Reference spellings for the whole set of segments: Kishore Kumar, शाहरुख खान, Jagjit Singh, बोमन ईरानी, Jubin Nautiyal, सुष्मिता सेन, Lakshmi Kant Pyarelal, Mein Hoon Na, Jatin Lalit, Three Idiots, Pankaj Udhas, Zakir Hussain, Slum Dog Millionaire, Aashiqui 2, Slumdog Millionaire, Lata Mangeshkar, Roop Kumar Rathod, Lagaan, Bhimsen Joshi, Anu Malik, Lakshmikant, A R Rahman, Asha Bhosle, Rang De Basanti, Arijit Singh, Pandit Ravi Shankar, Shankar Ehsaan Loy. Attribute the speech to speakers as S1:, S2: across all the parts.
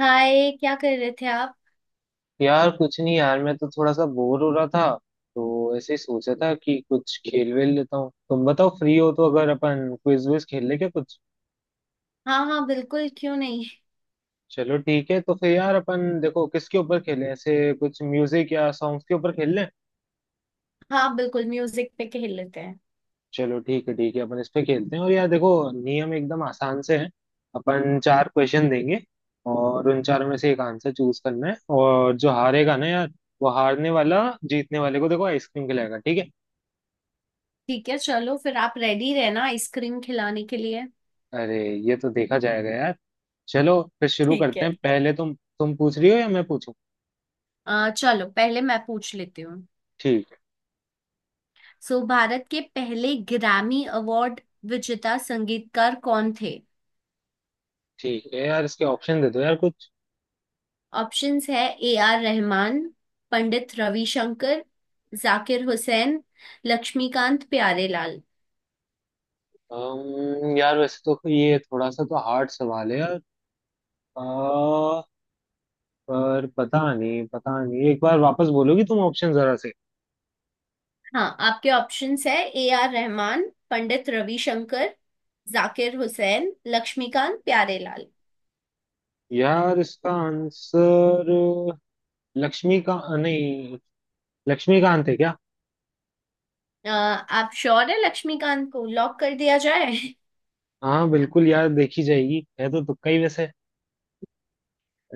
S1: हाय क्या कर रहे थे आप।
S2: यार कुछ नहीं यार, मैं तो थोड़ा सा बोर हो रहा था। तो ऐसे ही सोचा था कि कुछ खेल वेल लेता हूँ। तुम बताओ, फ्री हो तो अगर अपन क्विज विज खेल ले क्या कुछ।
S1: हाँ हाँ बिल्कुल क्यों नहीं।
S2: चलो ठीक है, तो फिर यार अपन देखो किसके ऊपर खेलें, ऐसे कुछ म्यूजिक या सॉन्ग्स के ऊपर खेल लें।
S1: हाँ बिल्कुल म्यूजिक पे खेल लेते हैं।
S2: चलो ठीक है, ठीक है, अपन इस पे खेलते हैं। और यार देखो, नियम एकदम आसान से है। अपन चार क्वेश्चन देंगे, और उन चारों में से एक आंसर चूज करना है। और जो हारेगा ना यार, वो हारने वाला जीतने वाले को देखो आइसक्रीम खिलाएगा, ठीक है।
S1: ठीक है, चलो फिर आप रेडी रहना आइसक्रीम खिलाने के लिए।
S2: अरे, ये तो देखा जाएगा यार। चलो फिर शुरू
S1: ठीक
S2: करते
S1: है।
S2: हैं, पहले तुम पूछ रही हो या मैं पूछूं।
S1: चलो पहले मैं पूछ लेती हूँ।
S2: ठीक है।
S1: सो भारत के पहले ग्रैमी अवार्ड विजेता संगीतकार कौन थे।
S2: ठीक है यार, इसके ऑप्शन दे दो यार कुछ।
S1: ऑप्शंस है ए आर रहमान, पंडित रविशंकर, जाकिर हुसैन, लक्ष्मीकांत प्यारेलाल।
S2: यार वैसे तो ये थोड़ा सा तो हार्ड सवाल है यार। अ, पर पता नहीं, पता नहीं, एक बार वापस बोलोगी तुम ऑप्शन जरा से।
S1: हाँ, आपके ऑप्शंस है ए आर रहमान, पंडित रविशंकर, जाकिर हुसैन, लक्ष्मीकांत प्यारेलाल।
S2: यार इसका आंसर लक्ष्मी का नहीं, लक्ष्मीकांत है क्या।
S1: आप श्योर है लक्ष्मीकांत को लॉक कर दिया जाए?
S2: हाँ बिल्कुल यार, देखी जाएगी, है तो तुक्का ही वैसे।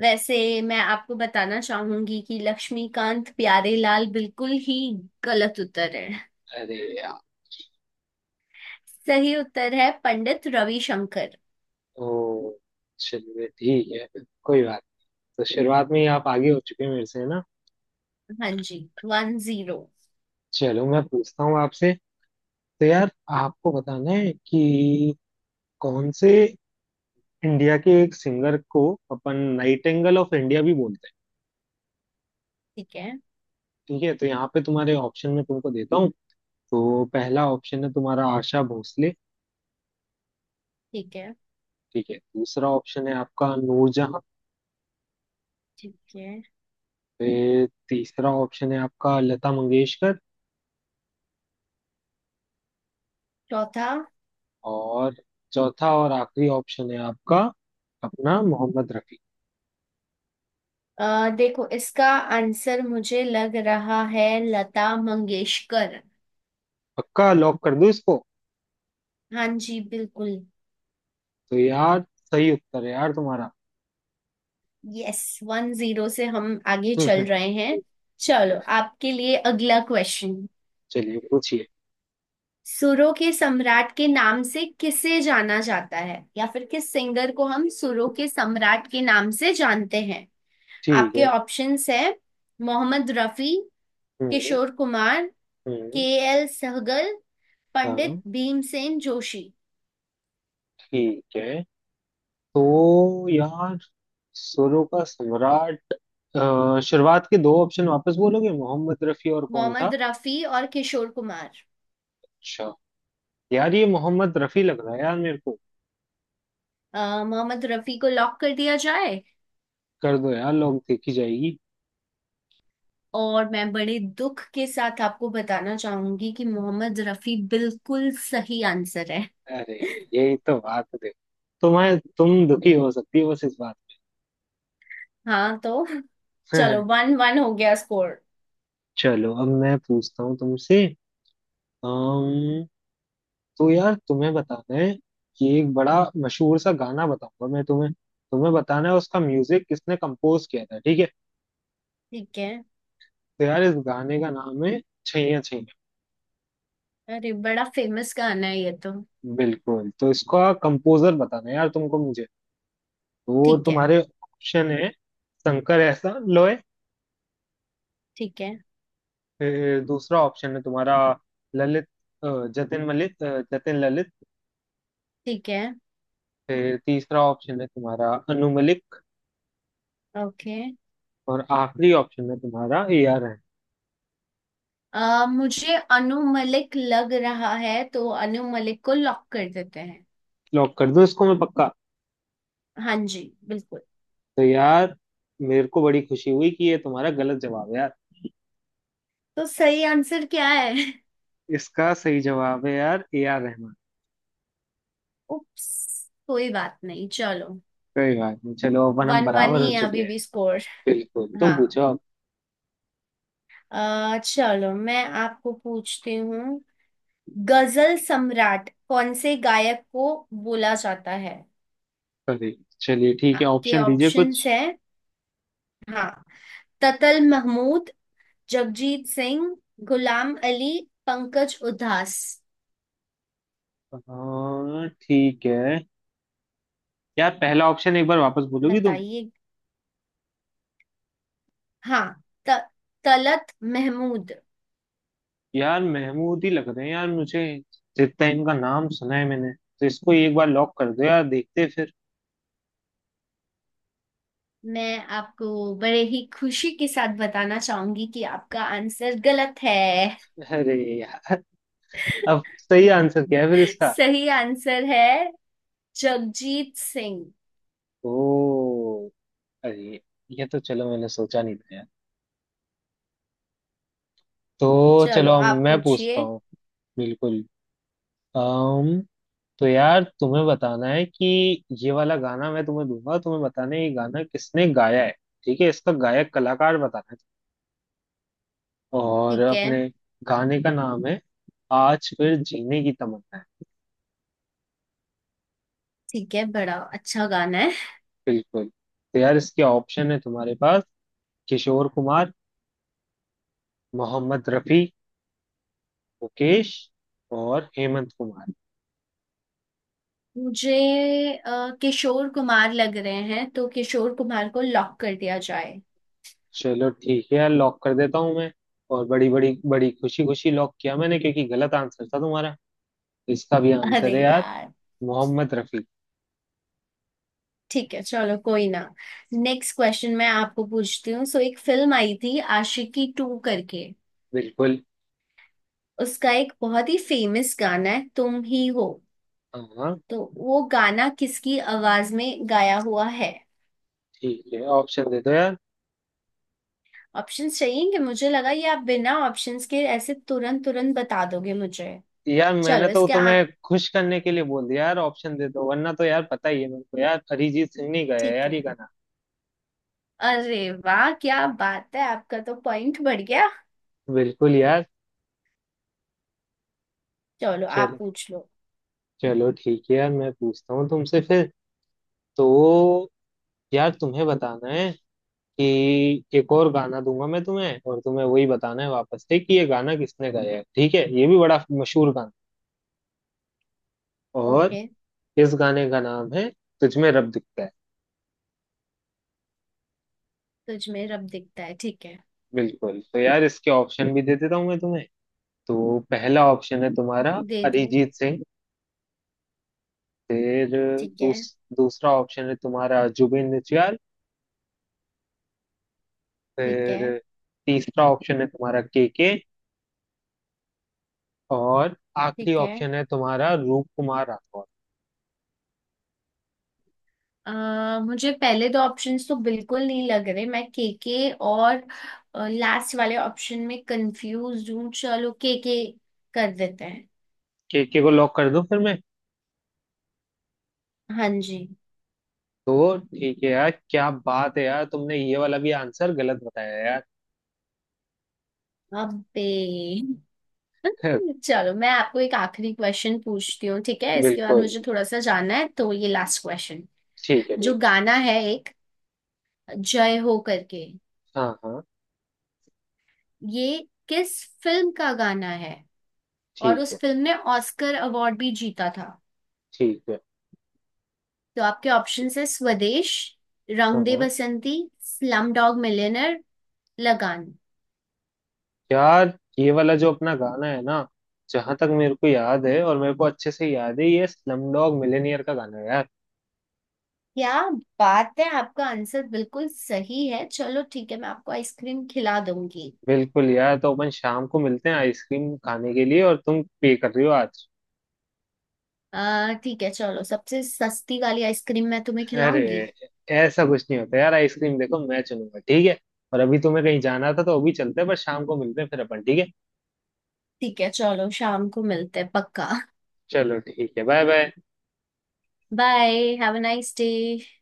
S1: वैसे मैं आपको बताना चाहूंगी कि लक्ष्मीकांत प्यारेलाल बिल्कुल ही गलत उत्तर है।
S2: अरे यार।
S1: सही उत्तर है पंडित रविशंकर।
S2: ओ, चलिए ठीक है, कोई बात नहीं। तो शुरुआत में ही आप आगे हो चुके हैं मेरे से, है ना।
S1: हाँ जी। 1-0।
S2: चलो मैं पूछता हूँ आपसे। तो यार आपको बताना है कि कौन से, इंडिया के एक सिंगर को अपन नाइटिंगेल ऑफ इंडिया भी बोलते हैं।
S1: ठीक है।
S2: ठीक है, तो यहाँ पे तुम्हारे ऑप्शन में तुमको देता हूँ। तो पहला ऑप्शन है तुम्हारा आशा भोसले।
S1: ठीक है।
S2: ठीक है, दूसरा ऑप्शन है आपका नूरजहां।
S1: ठीक है।
S2: फिर तीसरा ऑप्शन है आपका लता मंगेशकर।
S1: चौथा।
S2: और चौथा और आखिरी ऑप्शन है आपका, अपना, मोहम्मद रफी।
S1: देखो इसका आंसर मुझे लग रहा है लता मंगेशकर।
S2: पक्का लॉक कर दो इसको।
S1: हाँ जी बिल्कुल।
S2: तो यार, सही उत्तर है यार तुम्हारा।
S1: यस, 1-0 से हम आगे चल रहे हैं। चलो आपके लिए अगला क्वेश्चन।
S2: चलिए पूछिए।
S1: सुरों के सम्राट के नाम से किसे जाना जाता है या फिर किस सिंगर को हम सुरों के सम्राट के नाम से जानते हैं।
S2: ठीक
S1: आपके
S2: है।
S1: ऑप्शंस है मोहम्मद रफी,
S2: हम्म।
S1: किशोर कुमार,
S2: हम्म।
S1: के एल सहगल, पंडित
S2: हाँ,
S1: भीमसेन जोशी।
S2: ठीक है। तो यार, सुरों का सम्राट। शुरुआत के दो ऑप्शन वापस बोलोगे, मोहम्मद रफी और कौन था।
S1: मोहम्मद रफी और किशोर कुमार।
S2: अच्छा। यार ये मोहम्मद रफी लग रहा है यार मेरे को।
S1: मोहम्मद रफी को लॉक कर दिया जाए।
S2: कर दो यार, लोग देखी जाएगी।
S1: और मैं बड़े दुख के साथ आपको बताना चाहूंगी कि मोहम्मद रफी बिल्कुल सही आंसर है।
S2: अरे, यही तो बात है देखो। तुम दुखी हो सकती हो बस इस बात।
S1: हाँ तो। चलो 1-1 हो गया स्कोर।
S2: चलो अब मैं पूछता हूँ तुमसे। तो यार तुम्हें बताना है कि एक बड़ा मशहूर सा गाना बताऊंगा मैं तुम्हें, तुम्हें बताना है उसका म्यूजिक किसने कंपोज किया था, ठीक है।
S1: ठीक है।
S2: तो यार इस गाने का नाम है छैया छैया।
S1: अरे बड़ा फेमस गाना है ये तो।
S2: बिल्कुल, तो इसका कंपोजर बताना है यार तुमको मुझे। तो वो
S1: ठीक है।
S2: तुम्हारे ऑप्शन है शंकर एहसान लोय।
S1: ठीक है।
S2: फिर दूसरा ऑप्शन है तुम्हारा ललित, जतिन मलिक, जतिन ललित।
S1: ठीक है।
S2: फिर तीसरा ऑप्शन है तुम्हारा अनु मलिक।
S1: ओके।
S2: और आखिरी ऑप्शन है तुम्हारा ए आर रहमान।
S1: मुझे अनु मलिक लग रहा है तो अनु मलिक को लॉक कर देते हैं।
S2: लॉक कर दूं इसको मैं, पक्का।
S1: हाँ जी बिल्कुल।
S2: तो यार, मेरे को बड़ी खुशी हुई कि ये तुम्हारा गलत जवाब है यार।
S1: तो सही आंसर क्या है?
S2: इसका सही जवाब है यार ए आर रहमान।
S1: उप्स। कोई बात नहीं, चलो।
S2: कोई बात नहीं, चलो अपन हम
S1: वन वन
S2: बराबर हो
S1: ही है
S2: चुके
S1: अभी
S2: हैं।
S1: भी स्कोर।
S2: बिल्कुल, तुम
S1: हाँ।
S2: पूछो अब।
S1: चलो मैं आपको पूछती हूँ। गजल सम्राट कौन से गायक को बोला जाता है।
S2: अरे, चलिए ठीक है,
S1: आपके
S2: ऑप्शन दीजिए कुछ।
S1: ऑप्शंस है। हाँ, ततल महमूद, जगजीत सिंह, गुलाम अली, पंकज उधास।
S2: हाँ, ठीक है। यार पहला ऑप्शन एक बार वापस बोलोगी तुम।
S1: बताइए। हाँ। त, तलत महमूद।
S2: यार महमूद ही लग रहे हैं यार मुझे, जितना इनका नाम सुना है मैंने। तो इसको एक बार लॉक कर दो यार, देखते हैं फिर।
S1: मैं आपको बड़े ही खुशी के साथ बताना चाहूंगी कि आपका आंसर गलत है।
S2: अरे यार, अब सही आंसर क्या है फिर इसका।
S1: सही आंसर है जगजीत सिंह।
S2: ओ, अरे ये तो चलो मैंने सोचा नहीं था यार। तो
S1: चलो
S2: चलो अब
S1: आप
S2: मैं पूछता
S1: पूछिए।
S2: हूँ। बिल्कुल। अम्म तो यार तुम्हें बताना है कि ये वाला गाना मैं तुम्हें दूंगा, तुम्हें बताना है ये गाना किसने गाया है, ठीक है, इसका गायक कलाकार बताना है। और
S1: ठीक है।
S2: अपने गाने का नाम है आज फिर जीने की तमन्ना है।
S1: ठीक है, बड़ा अच्छा गाना है।
S2: बिल्कुल, तो यार इसके ऑप्शन है तुम्हारे पास, किशोर कुमार, मोहम्मद रफी, मुकेश, और हेमंत कुमार।
S1: मुझे किशोर कुमार लग रहे हैं तो किशोर कुमार को लॉक कर दिया जाए।
S2: चलो ठीक है यार, लॉक कर देता हूँ मैं। और बड़ी बड़ी बड़ी खुशी खुशी लॉक किया मैंने, क्योंकि गलत आंसर था तुम्हारा। इसका भी
S1: अरे
S2: आंसर है यार
S1: यार।
S2: मोहम्मद रफी।
S1: ठीक है, चलो कोई ना। नेक्स्ट क्वेश्चन मैं आपको पूछती हूँ। सो एक फिल्म आई थी आशिकी 2 करके।
S2: बिल्कुल।
S1: उसका एक बहुत ही फेमस गाना है तुम ही हो।
S2: हाँ
S1: तो वो गाना किसकी आवाज में गाया हुआ है।
S2: ठीक है, ऑप्शन दे दो यार।
S1: ऑप्शंस चाहिएंगे, मुझे लगा ये आप बिना ऑप्शंस के ऐसे तुरंत तुरंत बता दोगे मुझे।
S2: यार मैंने
S1: चलो
S2: तो
S1: इसके
S2: तुम्हें खुश करने के लिए बोल दिया यार, ऑप्शन दे दो, वरना तो यार पता ही है मेरे को यार, अरिजीत सिंह ने गाया है
S1: ठीक
S2: यार ये
S1: है।
S2: गाना।
S1: अरे वाह क्या बात है, आपका तो पॉइंट बढ़ गया।
S2: बिल्कुल यार।
S1: चलो आप
S2: चलो,
S1: पूछ लो।
S2: चलो ठीक है यार, मैं पूछता हूँ तुमसे फिर। तो यार तुम्हें बताना है कि एक और गाना दूंगा मैं तुम्हें, और तुम्हें वही बताना है वापस से कि ये गाना किसने गाया है, ठीक है, ये भी बड़ा मशहूर गाना है। और
S1: ओके।
S2: इस गाने का नाम है तुझमें रब दिखता है।
S1: तुझ में रब दिखता है, ठीक है।
S2: बिल्कुल, तो यार इसके ऑप्शन भी दे देता हूँ मैं तुम्हें। तो पहला ऑप्शन है तुम्हारा
S1: दे दो।
S2: अरिजीत सिंह। फिर
S1: ठीक है।
S2: दूसरा ऑप्शन है तुम्हारा जुबिन नौटियाल।
S1: ठीक है।
S2: फिर तीसरा ऑप्शन है तुम्हारा के, और आखिरी
S1: ठीक है।
S2: ऑप्शन है तुम्हारा रूप कुमार राठौर।
S1: मुझे पहले दो ऑप्शंस तो बिल्कुल नहीं लग रहे। मैं केके और लास्ट वाले ऑप्शन में कंफ्यूज हूँ। चलो केके कर देते हैं।
S2: केके को लॉक कर दूं फिर मैं।
S1: हाँ जी।
S2: तो ठीक है यार, क्या बात है यार, तुमने ये वाला भी आंसर गलत बताया यार।
S1: अबे चलो मैं आपको एक आखिरी क्वेश्चन पूछती हूँ, ठीक है? इसके बाद
S2: बिल्कुल।
S1: मुझे थोड़ा सा जानना है, तो ये लास्ट क्वेश्चन।
S2: ठीक है,
S1: जो
S2: ठीक है।
S1: गाना है एक जय हो करके,
S2: हाँ हाँ।
S1: ये किस फिल्म का गाना है। और
S2: ठीक
S1: उस
S2: है,
S1: फिल्म ने ऑस्कर अवार्ड भी जीता था।
S2: ठीक है।
S1: तो आपके ऑप्शंस है स्वदेश,
S2: हाँ
S1: रंग दे
S2: हाँ।
S1: Basanti, slumdog millionaire, Lagaan.
S2: यार ये वाला जो अपना गाना है ना, जहां तक मेरे को याद है, और मेरे को अच्छे से याद है, ये स्लमडॉग मिलियनेयर का गाना है यार।
S1: क्या बात है, आपका आंसर बिल्कुल सही है। चलो ठीक है, मैं आपको आइसक्रीम खिला दूंगी।
S2: बिल्कुल यार, तो अपन शाम को मिलते हैं आइसक्रीम खाने के लिए, और तुम पे कर रही हो आज।
S1: आ ठीक है, चलो सबसे सस्ती वाली आइसक्रीम मैं तुम्हें
S2: अरे,
S1: खिलाऊंगी।
S2: ऐसा कुछ नहीं होता यार, आइसक्रीम देखो मैं चलूंगा, ठीक है। और अभी तुम्हें कहीं जाना था तो अभी चलते हैं, पर शाम को मिलते हैं फिर अपन, ठीक है।
S1: ठीक है, चलो शाम को मिलते हैं पक्का।
S2: चलो ठीक है, bye bye.
S1: Bye. Have a nice day.